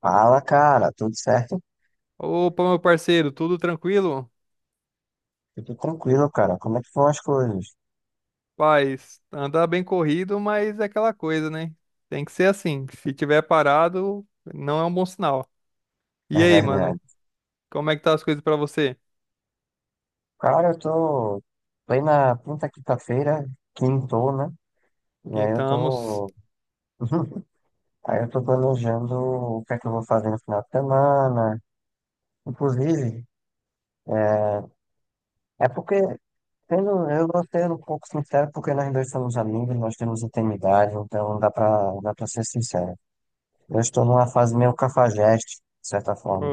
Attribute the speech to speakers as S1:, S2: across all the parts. S1: Fala, cara, tudo certo?
S2: Opa, meu parceiro, tudo tranquilo?
S1: Eu Tudo tranquilo, cara. Como é que vão as coisas?
S2: Paz, anda bem corrido, mas é aquela coisa, né? Tem que ser assim. Se tiver parado, não é um bom sinal. E
S1: É
S2: aí, mano,
S1: verdade.
S2: como é que tá as coisas pra você?
S1: Cara, eu tô plena quinta-feira, quintou, né? E aí eu
S2: Quentamos.
S1: tô. Aí eu tô planejando o que é que eu vou fazer no final de semana. Inclusive, é porque, eu vou ser um pouco sincero, porque nós dois somos amigos, nós temos intimidade, então dá pra ser sincero. Eu estou numa fase meio cafajeste, de certa
S2: O
S1: forma.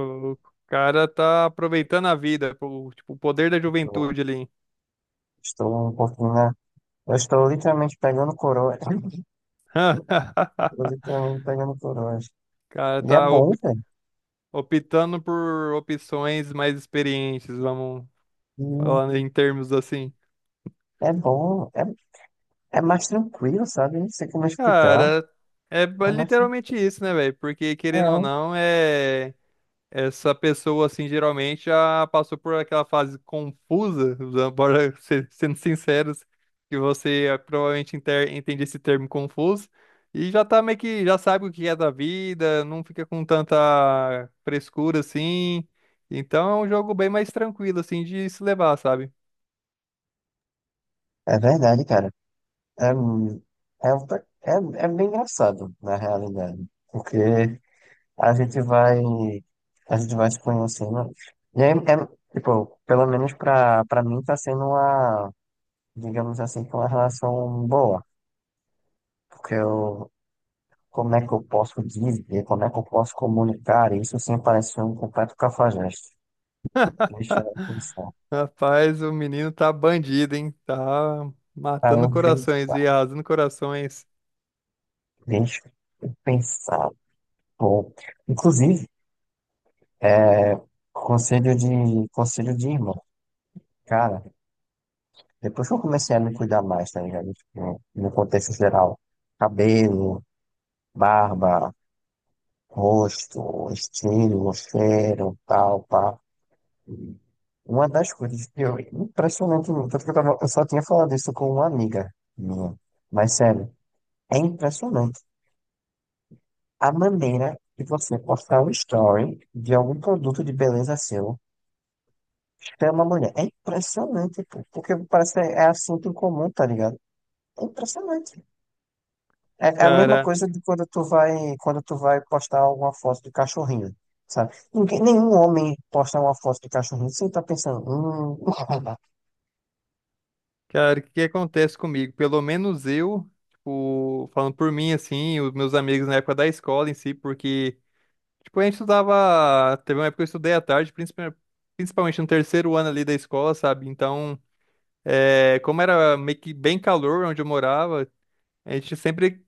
S2: o cara tá aproveitando a vida, o, tipo, o poder da
S1: Eu
S2: juventude ali.
S1: estou um pouquinho, né? Eu estou literalmente pegando coroa. Estou literalmente pegando coroas.
S2: O cara
S1: E é
S2: tá
S1: bom, velho.
S2: optando por opções mais experientes, vamos
S1: E
S2: falar em termos assim.
S1: É bom. É mais tranquilo, sabe? Não sei como explicar.
S2: Cara, é
S1: É mais
S2: literalmente isso, né, velho? Porque querendo ou
S1: tranquilo.
S2: não, é essa pessoa assim geralmente já passou por aquela fase confusa, bora ser, sendo sinceros, que você é, provavelmente entende esse termo confuso e já tá meio que já sabe o que é da vida, não fica com tanta frescura assim. Então é um jogo bem mais tranquilo assim de se levar, sabe?
S1: É, é verdade, cara. É, mu- é, outra- é, é bem engraçado, na realidade. Porque a gente vai. A gente vai se conhecendo. E é, é, tipo, pelo menos pra mim tá sendo uma, digamos assim, uma relação boa. Porque eu, Como é que eu posso dizer, como é que eu posso comunicar isso sem parecer um completo cafajeste? Deixa eu pensar.
S2: Rapaz, o menino tá bandido, hein? Tá
S1: Para
S2: matando
S1: eu
S2: corações
S1: pensar,
S2: e arrasando corações.
S1: deixa eu pensar. Bom, inclusive, é, conselho de irmão. Cara, depois que eu comecei a me cuidar mais, tá ligado? Tipo, no contexto geral, cabelo, barba, rosto, estilo, cheiro, tal, pá. Uma das coisas que eu, impressionante, tanto que eu, tava, eu só tinha falado isso com uma amiga minha, mas sério, é impressionante a maneira de você postar um story de algum produto de beleza seu, chama a mulher. É impressionante, pô, porque parece que é assunto em comum, tá ligado? É impressionante. É é a mesma
S2: Cara,
S1: coisa de quando tu vai postar alguma foto de cachorrinho, sabe? Nenhum homem posta uma foto de cachorrinho sem estar pensando, hum.
S2: cara, o que que acontece comigo? Pelo menos eu, tipo, falando por mim, assim, os meus amigos na época da escola em si, porque, tipo, a gente estudava. Teve uma época que eu estudei à tarde, principalmente no terceiro ano ali da escola, sabe? Então, é, como era meio que bem calor onde eu morava, a gente sempre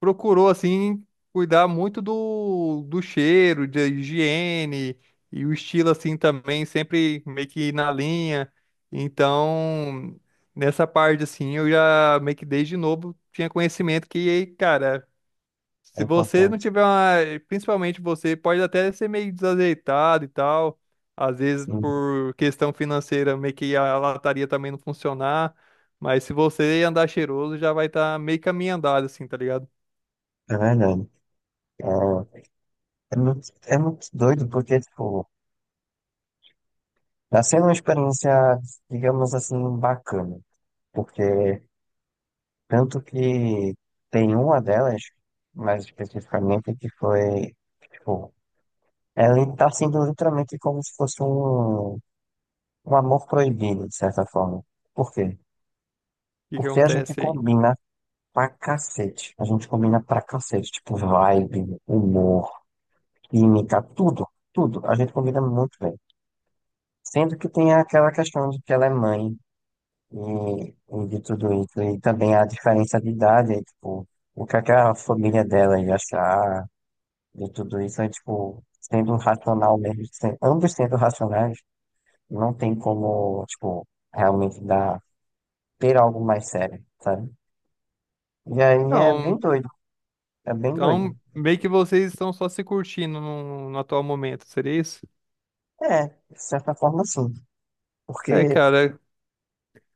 S2: procurou assim cuidar muito do cheiro, da higiene e o estilo assim também, sempre meio que na linha. Então, nessa parte assim, eu já meio que desde novo tinha conhecimento que, cara,
S1: É
S2: se você não
S1: importante.
S2: tiver uma, principalmente você pode até ser meio desajeitado e tal, às vezes
S1: Sim,
S2: por questão financeira, meio que a lataria também não funcionar. Mas se você andar cheiroso, já vai estar meio caminho andado, assim, tá ligado?
S1: é verdade. É é muito doido porque, tipo, tá sendo uma experiência, digamos assim, bacana. Porque tanto que tem uma delas, mais especificamente, que foi, tipo, ela tá sendo literalmente como se fosse um, um amor proibido, de certa forma. Por quê?
S2: Que
S1: Porque a gente
S2: acontece aí?
S1: combina pra cacete. A gente combina pra cacete, tipo, vibe, humor, química, tudo, tudo. A gente combina muito bem. Sendo que tem aquela questão de que ela é mãe e de tudo isso, e também a diferença de idade, é, tipo, o que é que a família dela ia achar de tudo isso, é tipo, sendo um racional mesmo, ambos sendo racionais, não tem como, tipo, realmente dar, ter algo mais sério, sabe? E aí é bem
S2: Então,
S1: doido, é bem doido.
S2: então, meio que vocês estão só se curtindo no, no atual momento, seria isso?
S1: É, de certa forma sim,
S2: É,
S1: porque
S2: cara,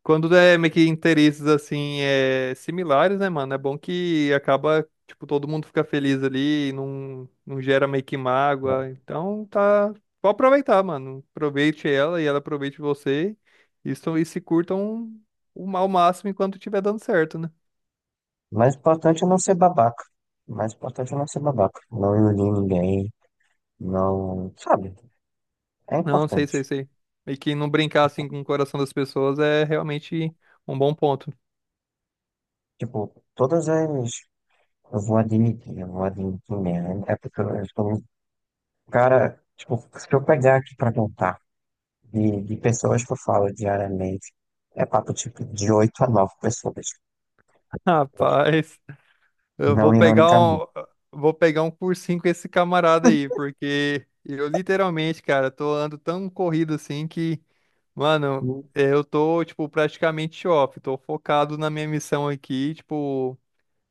S2: quando é meio que interesses assim, é, similares, né, mano? É bom que acaba, tipo, todo mundo fica feliz ali, não gera meio que
S1: o
S2: mágoa. Então, tá. Pode aproveitar, mano. Aproveite ela e ela aproveite você. Isso, e se curtam o ao máximo enquanto estiver dando certo, né?
S1: mais importante é não ser babaca, o mais importante é não ser babaca, não iludir ninguém, não, sabe? É
S2: Não, sei, sei,
S1: importante.
S2: sei. E que não brincar assim com o coração das pessoas é realmente um bom ponto.
S1: Tipo, todas as. Eu vou admitir mesmo, né? É porque eu sou um cara. Tipo, se eu pegar aqui pra contar de pessoas que eu falo diariamente, é papo tipo de 8 a nove pessoas.
S2: Rapaz, eu
S1: Não ironicamente.
S2: vou pegar um cursinho com esse camarada aí, porque eu literalmente, cara, tô ando tão corrido assim que, mano, é, eu tô, tipo, praticamente off, tô focado na minha missão aqui, tipo,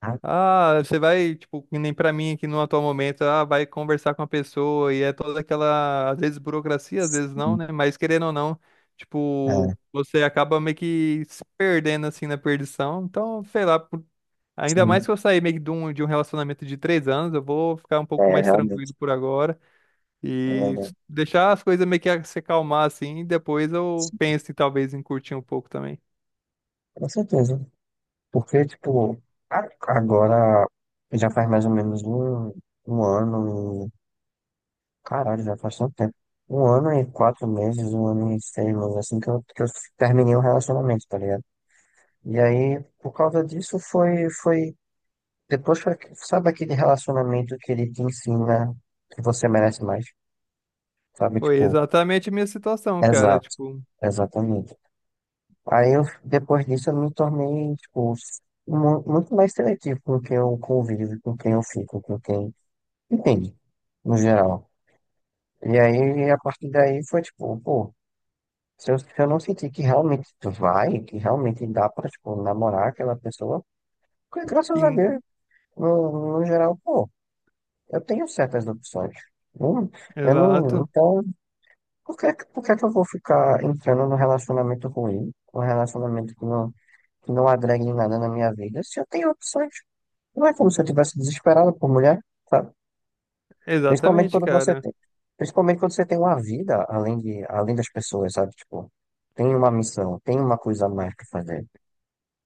S1: Ah,
S2: Ah, você vai, tipo, que nem pra mim aqui no atual momento, ah, vai conversar com a pessoa e é toda aquela, às vezes burocracia, às vezes não,
S1: sim.
S2: né? Mas querendo ou não,
S1: É,
S2: tipo, você acaba meio que se perdendo assim na perdição. Então, sei lá, ainda mais
S1: sim,
S2: que eu sair meio que de um relacionamento de 3 anos, eu vou ficar um pouco
S1: é,
S2: mais tranquilo
S1: realmente.
S2: por agora
S1: É, é,
S2: deixar as coisas meio que se acalmar assim. Depois eu
S1: sim,
S2: penso em, talvez em curtir um pouco também.
S1: com certeza. Porque, tipo, agora já faz mais ou menos um, um ano. Caralho, já faz tanto tempo. Um ano e quatro meses, um ano e seis meses, assim que que eu terminei o relacionamento, tá ligado? E aí, por causa disso, foi, sabe aquele relacionamento que ele te ensina que você merece mais, sabe?
S2: Foi
S1: Tipo,
S2: exatamente a minha situação, cara.
S1: exato,
S2: Tipo,
S1: exatamente. Aí, eu, depois disso, eu me tornei, tipo, muito mais seletivo com quem eu convivo, com quem eu fico, com quem, entende, no geral. E aí, a partir daí, foi tipo, pô. Se eu não sentir que realmente vai, que realmente dá pra, tipo, namorar aquela pessoa, porque, graças a
S2: in-
S1: Deus, no, no geral, pô, eu tenho certas opções. Não- eu não,
S2: exato.
S1: então, por que que eu vou ficar entrando num relacionamento ruim, um relacionamento que não agrega em nada na minha vida, se eu tenho opções? Não é como se eu tivesse desesperado por mulher, sabe? Principalmente
S2: Exatamente,
S1: quando você
S2: cara.
S1: tem, principalmente quando você tem uma vida além de, além das pessoas, sabe? Tipo, tem uma missão, tem uma coisa a mais pra fazer.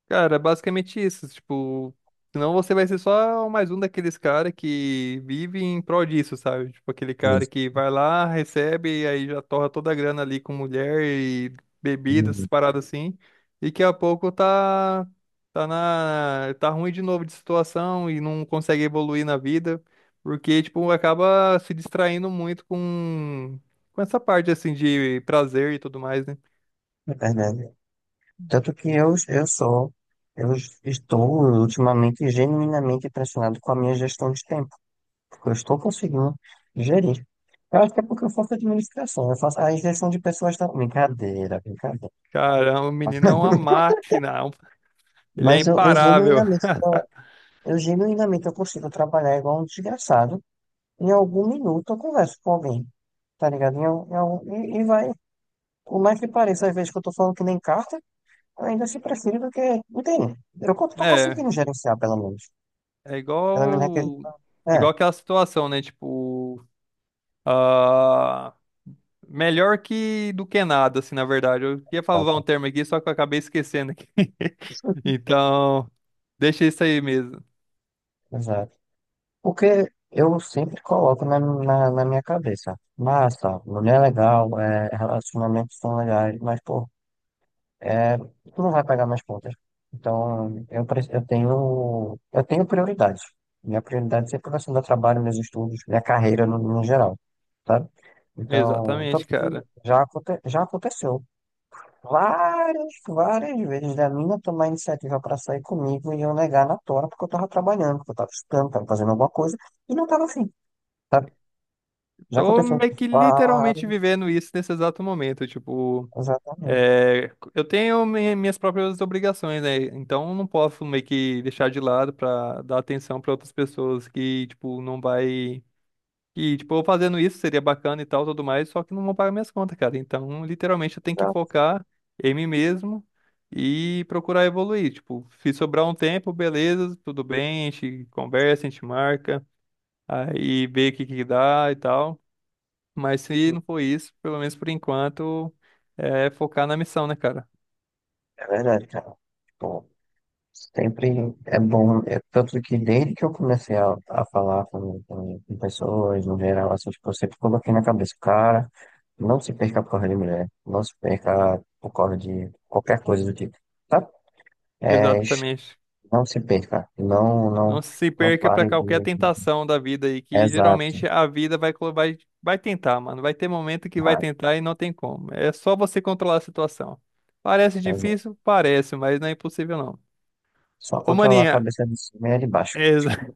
S2: Cara, é basicamente isso. Tipo, senão você vai ser só mais um daqueles caras que vive em prol disso, sabe? Tipo, aquele cara
S1: Isso,
S2: que vai lá, recebe, e aí já torra toda a grana ali com mulher e bebidas,
S1: hum,
S2: paradas assim. E daqui a pouco tá na, tá ruim de novo de situação e não consegue evoluir na vida. Porque, tipo, acaba se distraindo muito com essa parte, assim, de prazer e tudo mais, né?
S1: é verdade. Tanto que eu estou ultimamente genuinamente impressionado com a minha gestão de tempo, porque eu estou conseguindo gerir. Eu acho que é porque eu faço administração, eu faço a gestão de pessoas também. Brincadeira, brincadeira.
S2: Caramba, o menino é uma máquina. Ele é
S1: Eu
S2: imparável.
S1: genuinamente, eu genuinamente eu consigo trabalhar igual um desgraçado. Em algum minuto eu converso com alguém, tá ligado? E vai, por mais que pareça, às vezes que eu tô falando que nem carta. Ainda assim prefiro do que. Não tem. Tô
S2: É,
S1: conseguindo gerenciar, pelo menos.
S2: é
S1: Pelo menos é que.
S2: igual,
S1: É,
S2: igual aquela situação, né? Tipo, ah, melhor que do que nada, assim, na verdade. Eu ia falar um
S1: exato.
S2: termo aqui, só que eu acabei esquecendo aqui. Então, deixa isso aí mesmo.
S1: Exato. Porque eu sempre coloco na minha cabeça. Massa, mulher é legal, é, relacionamentos são legais, mas, pô, é, tu não vai pagar minhas contas. Então, eu tenho prioridades. Minha prioridade sempre vai ser meu trabalho, meus estudos, minha carreira no geral, sabe? Então,
S2: Exatamente,
S1: tanto que
S2: cara.
S1: já aconteceu. Várias, várias vezes da mina tomar iniciativa pra sair comigo e eu negar na tora porque eu tava trabalhando, porque eu tava estudando, tava fazendo alguma coisa e não tava afim, sabe? Já
S2: Tô
S1: aconteceu.
S2: meio que
S1: Várias,
S2: literalmente vivendo isso nesse exato momento. Tipo,
S1: exatamente,
S2: É, eu tenho minhas próprias obrigações, né? Então eu não posso meio que deixar de lado pra dar atenção pra outras pessoas que, tipo, não vai. Que, tipo, eu fazendo isso seria bacana e tal, tudo mais, só que não vão pagar minhas contas, cara. Então, literalmente, eu tenho que
S1: exato.
S2: focar em mim mesmo e procurar evoluir. Tipo, se sobrar um tempo, beleza, tudo bem, a gente conversa, a gente marca, aí vê o que que dá e tal. Mas se não for isso, pelo menos por enquanto, é focar na missão, né, cara?
S1: É verdade, cara. Tipo, sempre é bom. É tanto que desde que eu comecei a falar com pessoas, no geral, assim, tipo, eu sempre coloquei na cabeça, cara, não se perca por causa de mulher, não se perca por causa de qualquer coisa do tipo, tá? É,
S2: Exatamente.
S1: não se perca. Não, não,
S2: Não se
S1: não
S2: perca pra
S1: pare
S2: qualquer
S1: de.
S2: tentação da vida aí, que
S1: Exato,
S2: geralmente a vida vai, vai tentar, mano. Vai ter momento que vai
S1: vai,
S2: tentar e não tem como. É só você controlar a situação. Parece
S1: exato.
S2: difícil? Parece, mas não é impossível, não.
S1: Só
S2: Ô,
S1: controlar a
S2: maninha,
S1: cabeça de cima e a de baixo.
S2: exa-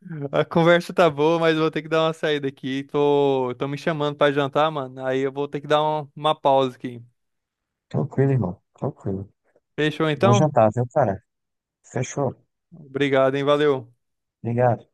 S2: a conversa tá boa, mas eu vou ter que dar uma saída aqui. Tô me chamando pra jantar, mano. Aí eu vou ter que dar uma pausa aqui.
S1: Tranquilo, irmão. Tranquilo.
S2: Fechou
S1: Bom
S2: então?
S1: jantar, viu, cara? Fechou.
S2: Obrigado, hein? Valeu.
S1: Obrigado.